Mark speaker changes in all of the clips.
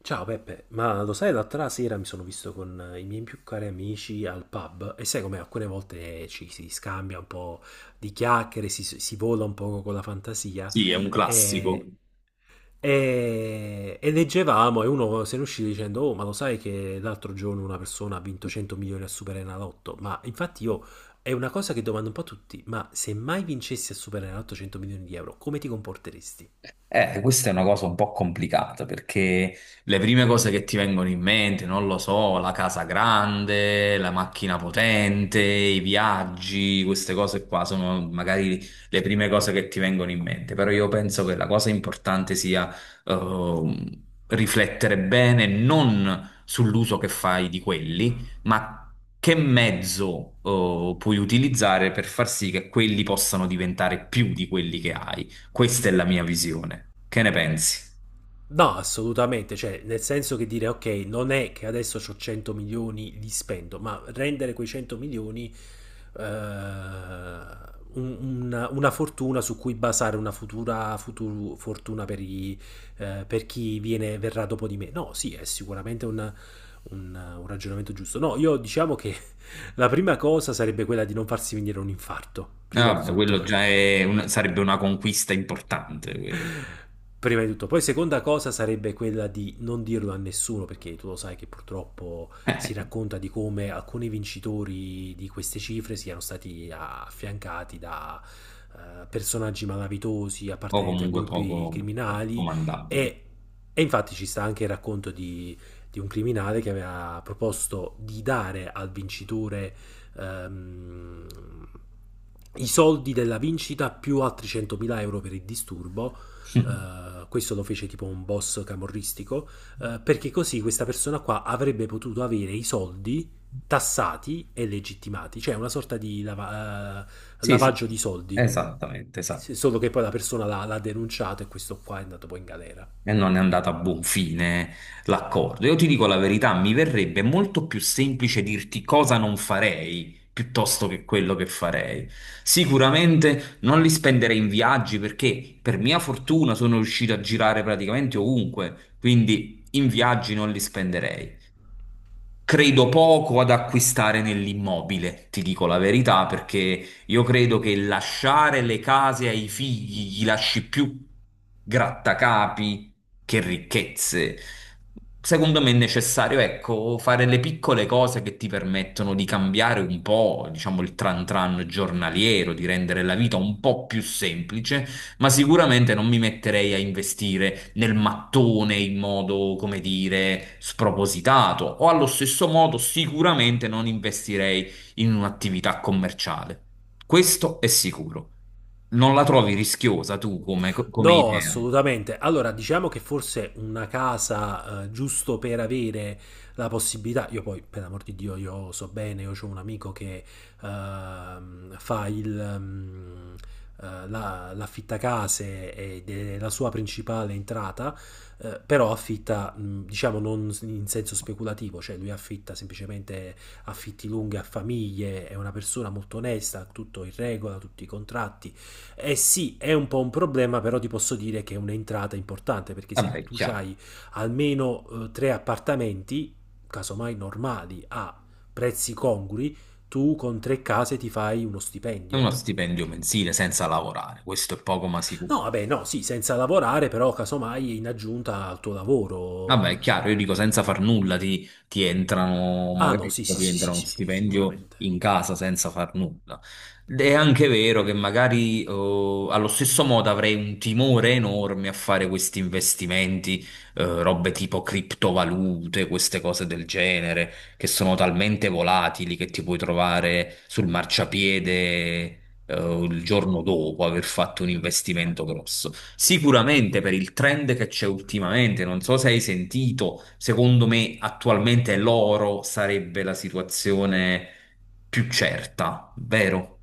Speaker 1: Ciao Peppe, ma lo sai, l'altra sera mi sono visto con i miei più cari amici al pub, e sai, come alcune volte ci si scambia un po' di chiacchiere, si vola un po' con la fantasia.
Speaker 2: Sì, è un classico.
Speaker 1: E, e, e leggevamo, e uno se ne uscì dicendo, oh, ma lo sai che l'altro giorno una persona ha vinto 100 milioni a Superenalotto? Ma infatti, io è una cosa che domando un po' a tutti: ma se mai vincessi a Superenalotto 100 milioni di euro, come ti comporteresti?
Speaker 2: Questa è una cosa un po' complicata perché... Le prime cose che ti vengono in mente, non lo so, la casa grande, la macchina potente, i viaggi, queste cose qua sono magari le prime cose che ti vengono in mente, però io penso che la cosa importante sia riflettere bene non sull'uso che fai di quelli, ma che mezzo puoi utilizzare per far sì che quelli possano diventare più di quelli che hai. Questa è la mia visione. Che ne pensi?
Speaker 1: No, assolutamente, cioè nel senso che, dire ok, non è che adesso ho 100 milioni, li spendo, ma rendere quei 100 milioni eh, un- una fortuna su cui basare una futura fortuna per chi viene, verrà dopo di me. No, sì, è sicuramente un ragionamento giusto. No, io diciamo che la prima cosa sarebbe quella di non farsi venire un infarto,
Speaker 2: Ah,
Speaker 1: prima di
Speaker 2: vabbè, quello
Speaker 1: tutto.
Speaker 2: già è sarebbe una conquista importante, quello.
Speaker 1: Prima di tutto, poi seconda cosa sarebbe quella di non dirlo a nessuno, perché tu lo sai che purtroppo si racconta di come alcuni vincitori di queste cifre siano stati affiancati da personaggi malavitosi
Speaker 2: o
Speaker 1: appartenenti a
Speaker 2: comunque poco
Speaker 1: gruppi criminali.
Speaker 2: comandabile.
Speaker 1: E, e infatti ci sta anche il racconto di un criminale che aveva proposto di dare al vincitore ehm, i soldi della vincita più altri 100.000 euro per il disturbo. Questo lo fece tipo un boss camorristico, perché così questa persona qua avrebbe potuto avere i soldi tassati e legittimati, cioè una sorta di
Speaker 2: Sì, sì, sì.
Speaker 1: lavaggio di soldi.
Speaker 2: Esattamente, esattamente.
Speaker 1: Solo che poi la persona l'ha denunciato, e questo qua è andato poi in galera.
Speaker 2: E non è andato a buon fine l'accordo. Io ti dico la verità, mi verrebbe molto più semplice dirti cosa non farei piuttosto che quello che farei. Sicuramente non li spenderei in viaggi perché per mia fortuna sono riuscito a girare praticamente ovunque, quindi in viaggi non li spenderei. Credo poco ad acquistare nell'immobile, ti dico la verità, perché io credo che lasciare le case ai figli gli lasci più grattacapi che ricchezze. Secondo me è necessario, ecco, fare le piccole cose che ti permettono di cambiare un po', diciamo, il tran tran giornaliero, di rendere la vita un po' più semplice, ma sicuramente non mi metterei a investire nel mattone in modo, come dire, spropositato, o allo stesso modo sicuramente non investirei in un'attività commerciale. Questo è sicuro. Non la trovi rischiosa tu come,
Speaker 1: No,
Speaker 2: idea?
Speaker 1: assolutamente. Allora, diciamo che forse una casa, giusto per avere la possibilità. Io poi, per l'amor di Dio, io so bene, io ho un amico che fa la l'affittacase, ed è la sua principale entrata. Però affitta, diciamo, non in senso speculativo, cioè lui affitta semplicemente affitti lunghi a famiglie, è una persona molto onesta, tutto in regola, tutti i contratti. Eh sì, è un po' un problema, però ti posso dire che è un'entrata importante, perché se
Speaker 2: Vabbè,
Speaker 1: tu
Speaker 2: chiaro,
Speaker 1: hai almeno tre appartamenti, casomai normali, a prezzi congrui, tu con tre case ti fai uno
Speaker 2: è uno
Speaker 1: stipendio.
Speaker 2: stipendio mensile senza lavorare, questo è poco ma sicuro.
Speaker 1: No, vabbè, no, sì, senza lavorare, però casomai in aggiunta al tuo lavoro.
Speaker 2: Vabbè, è chiaro, io dico senza far nulla ti entrano,
Speaker 1: Ah no,
Speaker 2: magari
Speaker 1: sì, sì,
Speaker 2: ti
Speaker 1: sì,
Speaker 2: entra
Speaker 1: sì,
Speaker 2: uno
Speaker 1: sì, sì,
Speaker 2: stipendio
Speaker 1: sicuramente.
Speaker 2: in casa senza far nulla. Ed è anche vero che magari allo stesso modo avrei un timore enorme a fare questi investimenti, robe tipo criptovalute, queste cose del genere, che sono talmente volatili che ti puoi trovare sul marciapiede, il giorno dopo aver fatto un investimento grosso. Sicuramente per il trend che c'è ultimamente, non so se hai sentito, secondo me attualmente l'oro sarebbe la situazione più certa, vero?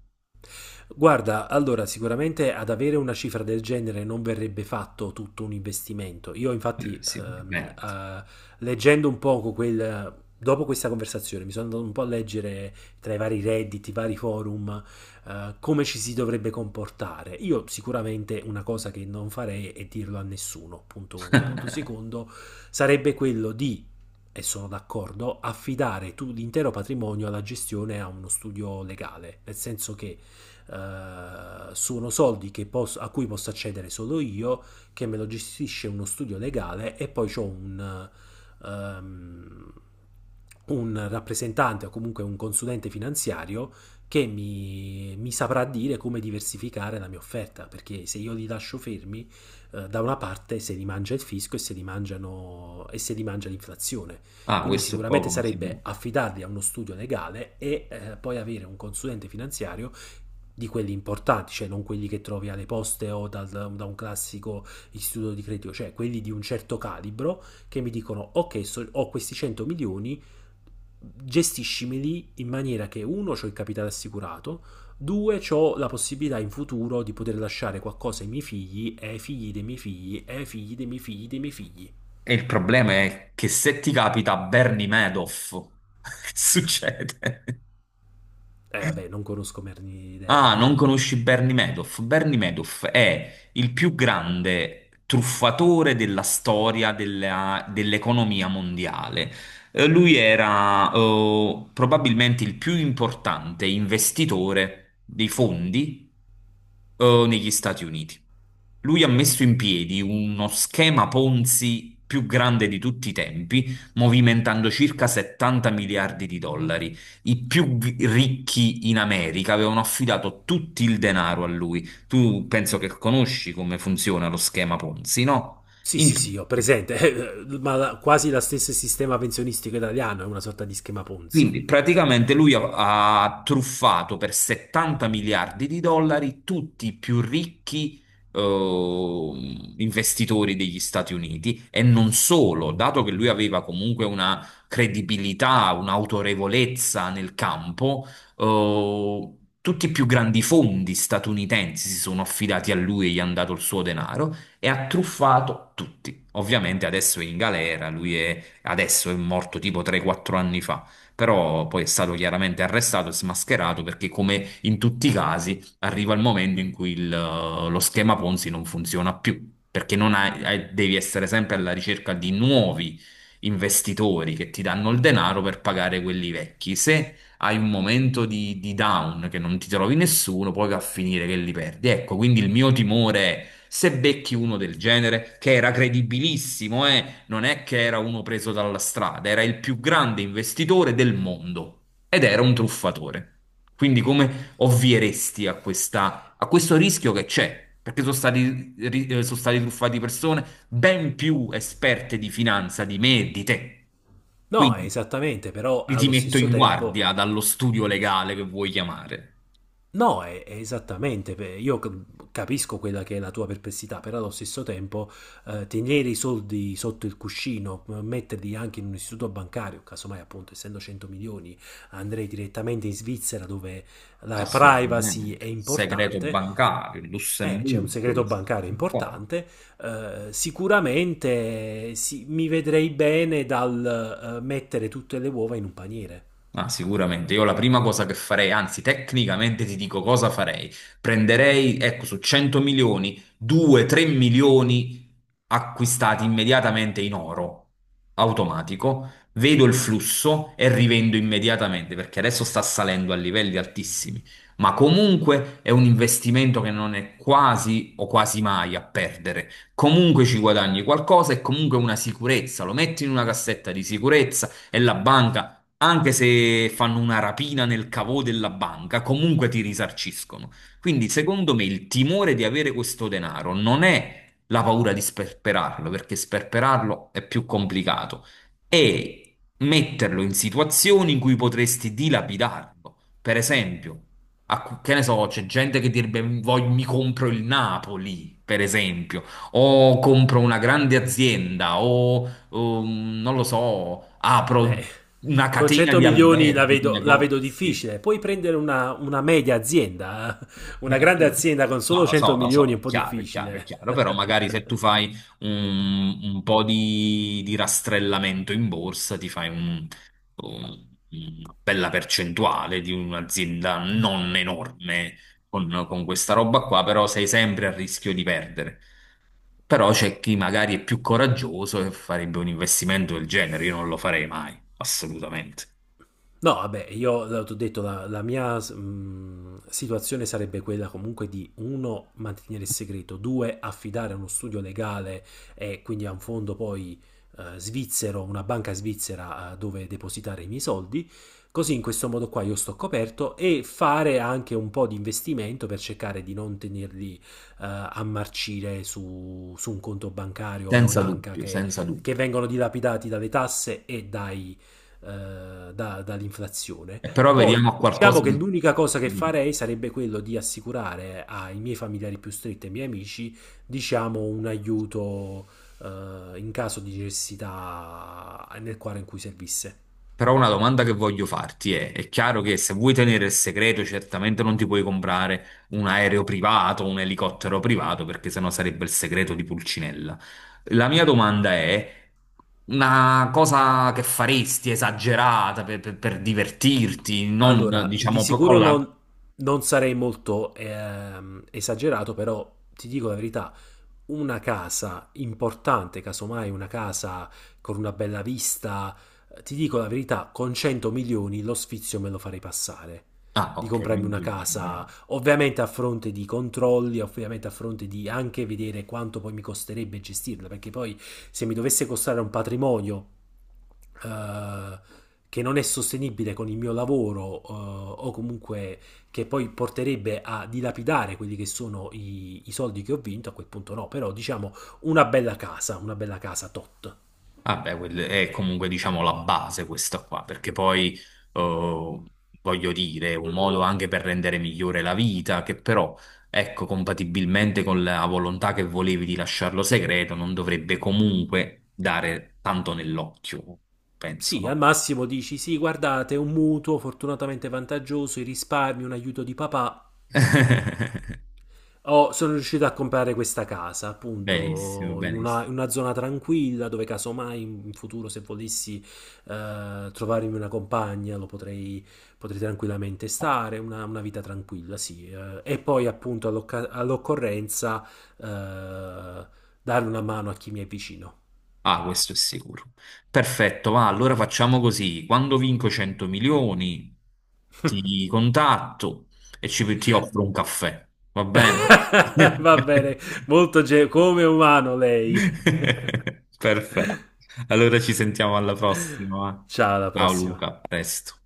Speaker 1: Guarda, allora sicuramente, ad avere una cifra del genere, non verrebbe fatto tutto un investimento. Io infatti,
Speaker 2: Sicuramente.
Speaker 1: leggendo un poco quel... Dopo questa conversazione mi sono andato un po' a leggere tra i vari redditi, i vari forum, come ci si dovrebbe comportare. Io sicuramente una cosa che non farei è dirlo a nessuno, punto uno. Punto secondo, sarebbe quello di, e sono d'accordo, affidare tu l'intero patrimonio alla gestione a uno studio legale, nel senso che sono soldi che posso, a cui posso accedere solo io, che me lo gestisce uno studio legale, e poi ho um, un rappresentante, o comunque un consulente finanziario, che mi saprà dire come diversificare la mia offerta, perché se io li lascio fermi, da una parte se li mangia il fisco, e se li, mangiano, e se li mangia l'inflazione.
Speaker 2: Ah,
Speaker 1: Quindi
Speaker 2: questo è
Speaker 1: sicuramente
Speaker 2: poco ma
Speaker 1: sarebbe
Speaker 2: sicuro.
Speaker 1: affidarli a uno studio legale, e poi avere un consulente finanziario di quelli importanti, cioè non quelli che trovi alle poste o da un classico istituto di credito, cioè quelli di un certo calibro, che mi dicono ok, ho questi 100 milioni, gestiscimeli in maniera che, uno, ho il capitale assicurato, due, ho la possibilità in futuro di poter lasciare qualcosa ai miei figli, e ai figli dei miei figli, e ai figli dei miei figli dei miei figli.
Speaker 2: E il problema è che se ti capita Bernie Madoff, che succede?
Speaker 1: Eh vabbè, non conosco merni
Speaker 2: Ah, non conosci Bernie Madoff? Bernie Madoff è il più grande truffatore della storia dell'economia mondiale. Lui era probabilmente il più importante investitore dei fondi negli Stati Uniti. Lui ha messo in piedi uno schema Ponzi più grande di tutti i tempi, movimentando circa 70 miliardi di dollari. I più ricchi in America avevano affidato tutto il denaro a lui. Tu penso che conosci come funziona lo schema Ponzi, no?
Speaker 1: Sì, sì,
Speaker 2: In-
Speaker 1: sì, ho presente, ma quasi lo stesso sistema pensionistico italiano è una sorta di schema Ponzi.
Speaker 2: Quindi praticamente lui ha, truffato per 70 miliardi di dollari tutti i più ricchi investitori degli Stati Uniti e non solo, dato che lui aveva comunque una credibilità, un'autorevolezza nel campo, eh, tutti i più grandi fondi statunitensi si sono affidati a lui e gli hanno dato il suo denaro e ha truffato tutti. Ovviamente adesso è in galera, lui è, adesso è morto tipo 3-4 anni fa, però poi è stato chiaramente arrestato e smascherato perché, come in tutti i casi, arriva il momento in cui lo schema Ponzi non funziona più, perché non hai- hai- devi essere sempre alla ricerca di nuovi investitori che ti danno il denaro per pagare quelli vecchi. Se hai un momento di down che non ti trovi nessuno, poi va a finire che li perdi. Ecco, quindi il mio timore è se becchi uno del genere, che era credibilissimo, non è che era uno preso dalla strada, era il più grande investitore del mondo ed era un truffatore. Quindi come ovvieresti a questo rischio che c'è? Perché sono stati truffati persone ben più esperte di finanza di me e di te.
Speaker 1: No, è
Speaker 2: Quindi
Speaker 1: esattamente, però
Speaker 2: li ti
Speaker 1: allo
Speaker 2: metto
Speaker 1: stesso
Speaker 2: in
Speaker 1: tempo...
Speaker 2: guardia dallo studio legale che vuoi chiamare.
Speaker 1: No, è esattamente, beh, io capisco quella che è la tua perplessità, però allo stesso tempo tenere i soldi sotto il cuscino, metterli anche in un istituto bancario, casomai, appunto, essendo 100 milioni, andrei direttamente in Svizzera, dove la privacy è
Speaker 2: Assolutamente. Segreto
Speaker 1: importante.
Speaker 2: bancario,
Speaker 1: C'è un
Speaker 2: Lussemburgo,
Speaker 1: segreto
Speaker 2: queste
Speaker 1: bancario
Speaker 2: cose qua.
Speaker 1: importante. Sicuramente sì, mi vedrei bene dal mettere tutte le uova in un paniere.
Speaker 2: Ah, sicuramente. Io la prima cosa che farei, anzi, tecnicamente ti dico cosa farei. Prenderei, ecco, su 100 milioni, 2-3 milioni acquistati immediatamente in oro, automatico. Vedo il flusso e rivendo immediatamente, perché adesso sta salendo a livelli altissimi. Ma comunque è un investimento che non è quasi o quasi mai a perdere. Comunque ci guadagni qualcosa e comunque una sicurezza. Lo metti in una cassetta di sicurezza e la banca, anche se fanno una rapina nel cavo della banca, comunque ti risarciscono. Quindi, secondo me, il timore di avere questo denaro non è la paura di sperperarlo, perché sperperarlo è più complicato, è metterlo in situazioni in cui potresti dilapidarlo. Per esempio, a che ne so, c'è gente che direbbe mi compro il Napoli, per esempio, o compro una grande azienda, o non lo so, apro
Speaker 1: Eh,
Speaker 2: una
Speaker 1: con
Speaker 2: catena
Speaker 1: 100
Speaker 2: di
Speaker 1: milioni la
Speaker 2: alberghi, di
Speaker 1: vedo, la vedo
Speaker 2: negozi".
Speaker 1: difficile. Puoi prendere una media azienda, eh? Una grande
Speaker 2: Appunto.
Speaker 1: azienda con
Speaker 2: No,
Speaker 1: solo 100
Speaker 2: lo
Speaker 1: milioni
Speaker 2: so,
Speaker 1: è
Speaker 2: è
Speaker 1: un po'
Speaker 2: chiaro, è chiaro, è
Speaker 1: difficile.
Speaker 2: chiaro, però magari se tu fai un, po' di rastrellamento in borsa, ti fai una bella percentuale di un'azienda non enorme con questa roba qua, però sei sempre a rischio di perdere. Però c'è chi magari è più coraggioso e farebbe un investimento del genere, io non lo farei mai, assolutamente.
Speaker 1: No, vabbè, io l'ho detto, la mia situazione sarebbe quella, comunque, di, uno, mantenere il segreto, due, affidare a uno studio legale, e quindi a un fondo poi svizzero, una banca svizzera, dove depositare i miei soldi, così in questo modo qua io sto coperto, e fare anche un po' di investimento per cercare di non tenerli a marcire su un conto bancario o in
Speaker 2: Senza
Speaker 1: banca,
Speaker 2: dubbio,
Speaker 1: che,
Speaker 2: senza dubbio.
Speaker 1: che vengono dilapidati dalle tasse e dall'inflazione.
Speaker 2: Però
Speaker 1: Poi
Speaker 2: vediamo a qualcosa
Speaker 1: diciamo che
Speaker 2: di...
Speaker 1: l'unica cosa che
Speaker 2: di-
Speaker 1: farei sarebbe quello di assicurare ai miei familiari più stretti e ai miei amici, diciamo, un aiuto, in caso di necessità, nel quadro in cui servisse.
Speaker 2: Però una domanda che voglio farti è chiaro che se vuoi tenere il segreto, certamente non ti puoi comprare un aereo privato, un elicottero privato, perché sennò sarebbe il segreto di Pulcinella. La mia domanda è una cosa che faresti esagerata per divertirti, non
Speaker 1: Allora, di
Speaker 2: diciamo con
Speaker 1: sicuro
Speaker 2: la...
Speaker 1: non sarei molto esagerato, però ti dico la verità, una casa importante, casomai una casa con una bella vista, ti dico la verità, con 100 milioni lo sfizio me lo farei passare.
Speaker 2: Ah,
Speaker 1: Di
Speaker 2: ok,
Speaker 1: comprarmi una
Speaker 2: quindi...
Speaker 1: casa, ovviamente a fronte di controlli, ovviamente a fronte di anche vedere quanto poi mi costerebbe gestirla, perché poi se mi dovesse costare un patrimonio eh, che non è sostenibile con il mio lavoro, o comunque che poi porterebbe a dilapidare quelli che sono i soldi che ho vinto, a quel punto no, però diciamo una bella casa tot.
Speaker 2: Ah, beh, è comunque diciamo la base questa qua, perché poi eh, voglio dire, è un modo anche per rendere migliore la vita, che però, ecco, compatibilmente con la volontà che volevi di lasciarlo segreto, non dovrebbe comunque dare tanto nell'occhio, penso,
Speaker 1: Sì, al
Speaker 2: no?
Speaker 1: massimo dici sì, guardate, un mutuo fortunatamente vantaggioso, i risparmi, un aiuto di papà, oh, sono riuscito a comprare questa casa,
Speaker 2: Benissimo,
Speaker 1: appunto, in
Speaker 2: benissimo.
Speaker 1: una zona tranquilla, dove casomai in futuro, se volessi trovarmi una compagna, potrei tranquillamente stare, una vita tranquilla, sì. E poi, appunto, all'occorrenza, eh, dare una mano a chi mi è vicino.
Speaker 2: Ah, questo è sicuro. Perfetto, va, allora facciamo così. Quando vinco 100 milioni, ti contatto e ti offro un caffè. Va bene?
Speaker 1: Va bene, molto come umano lei.
Speaker 2: Perfetto. Allora ci sentiamo alla prossima. Va?
Speaker 1: Ciao, alla
Speaker 2: Ciao
Speaker 1: prossima.
Speaker 2: Luca, a presto.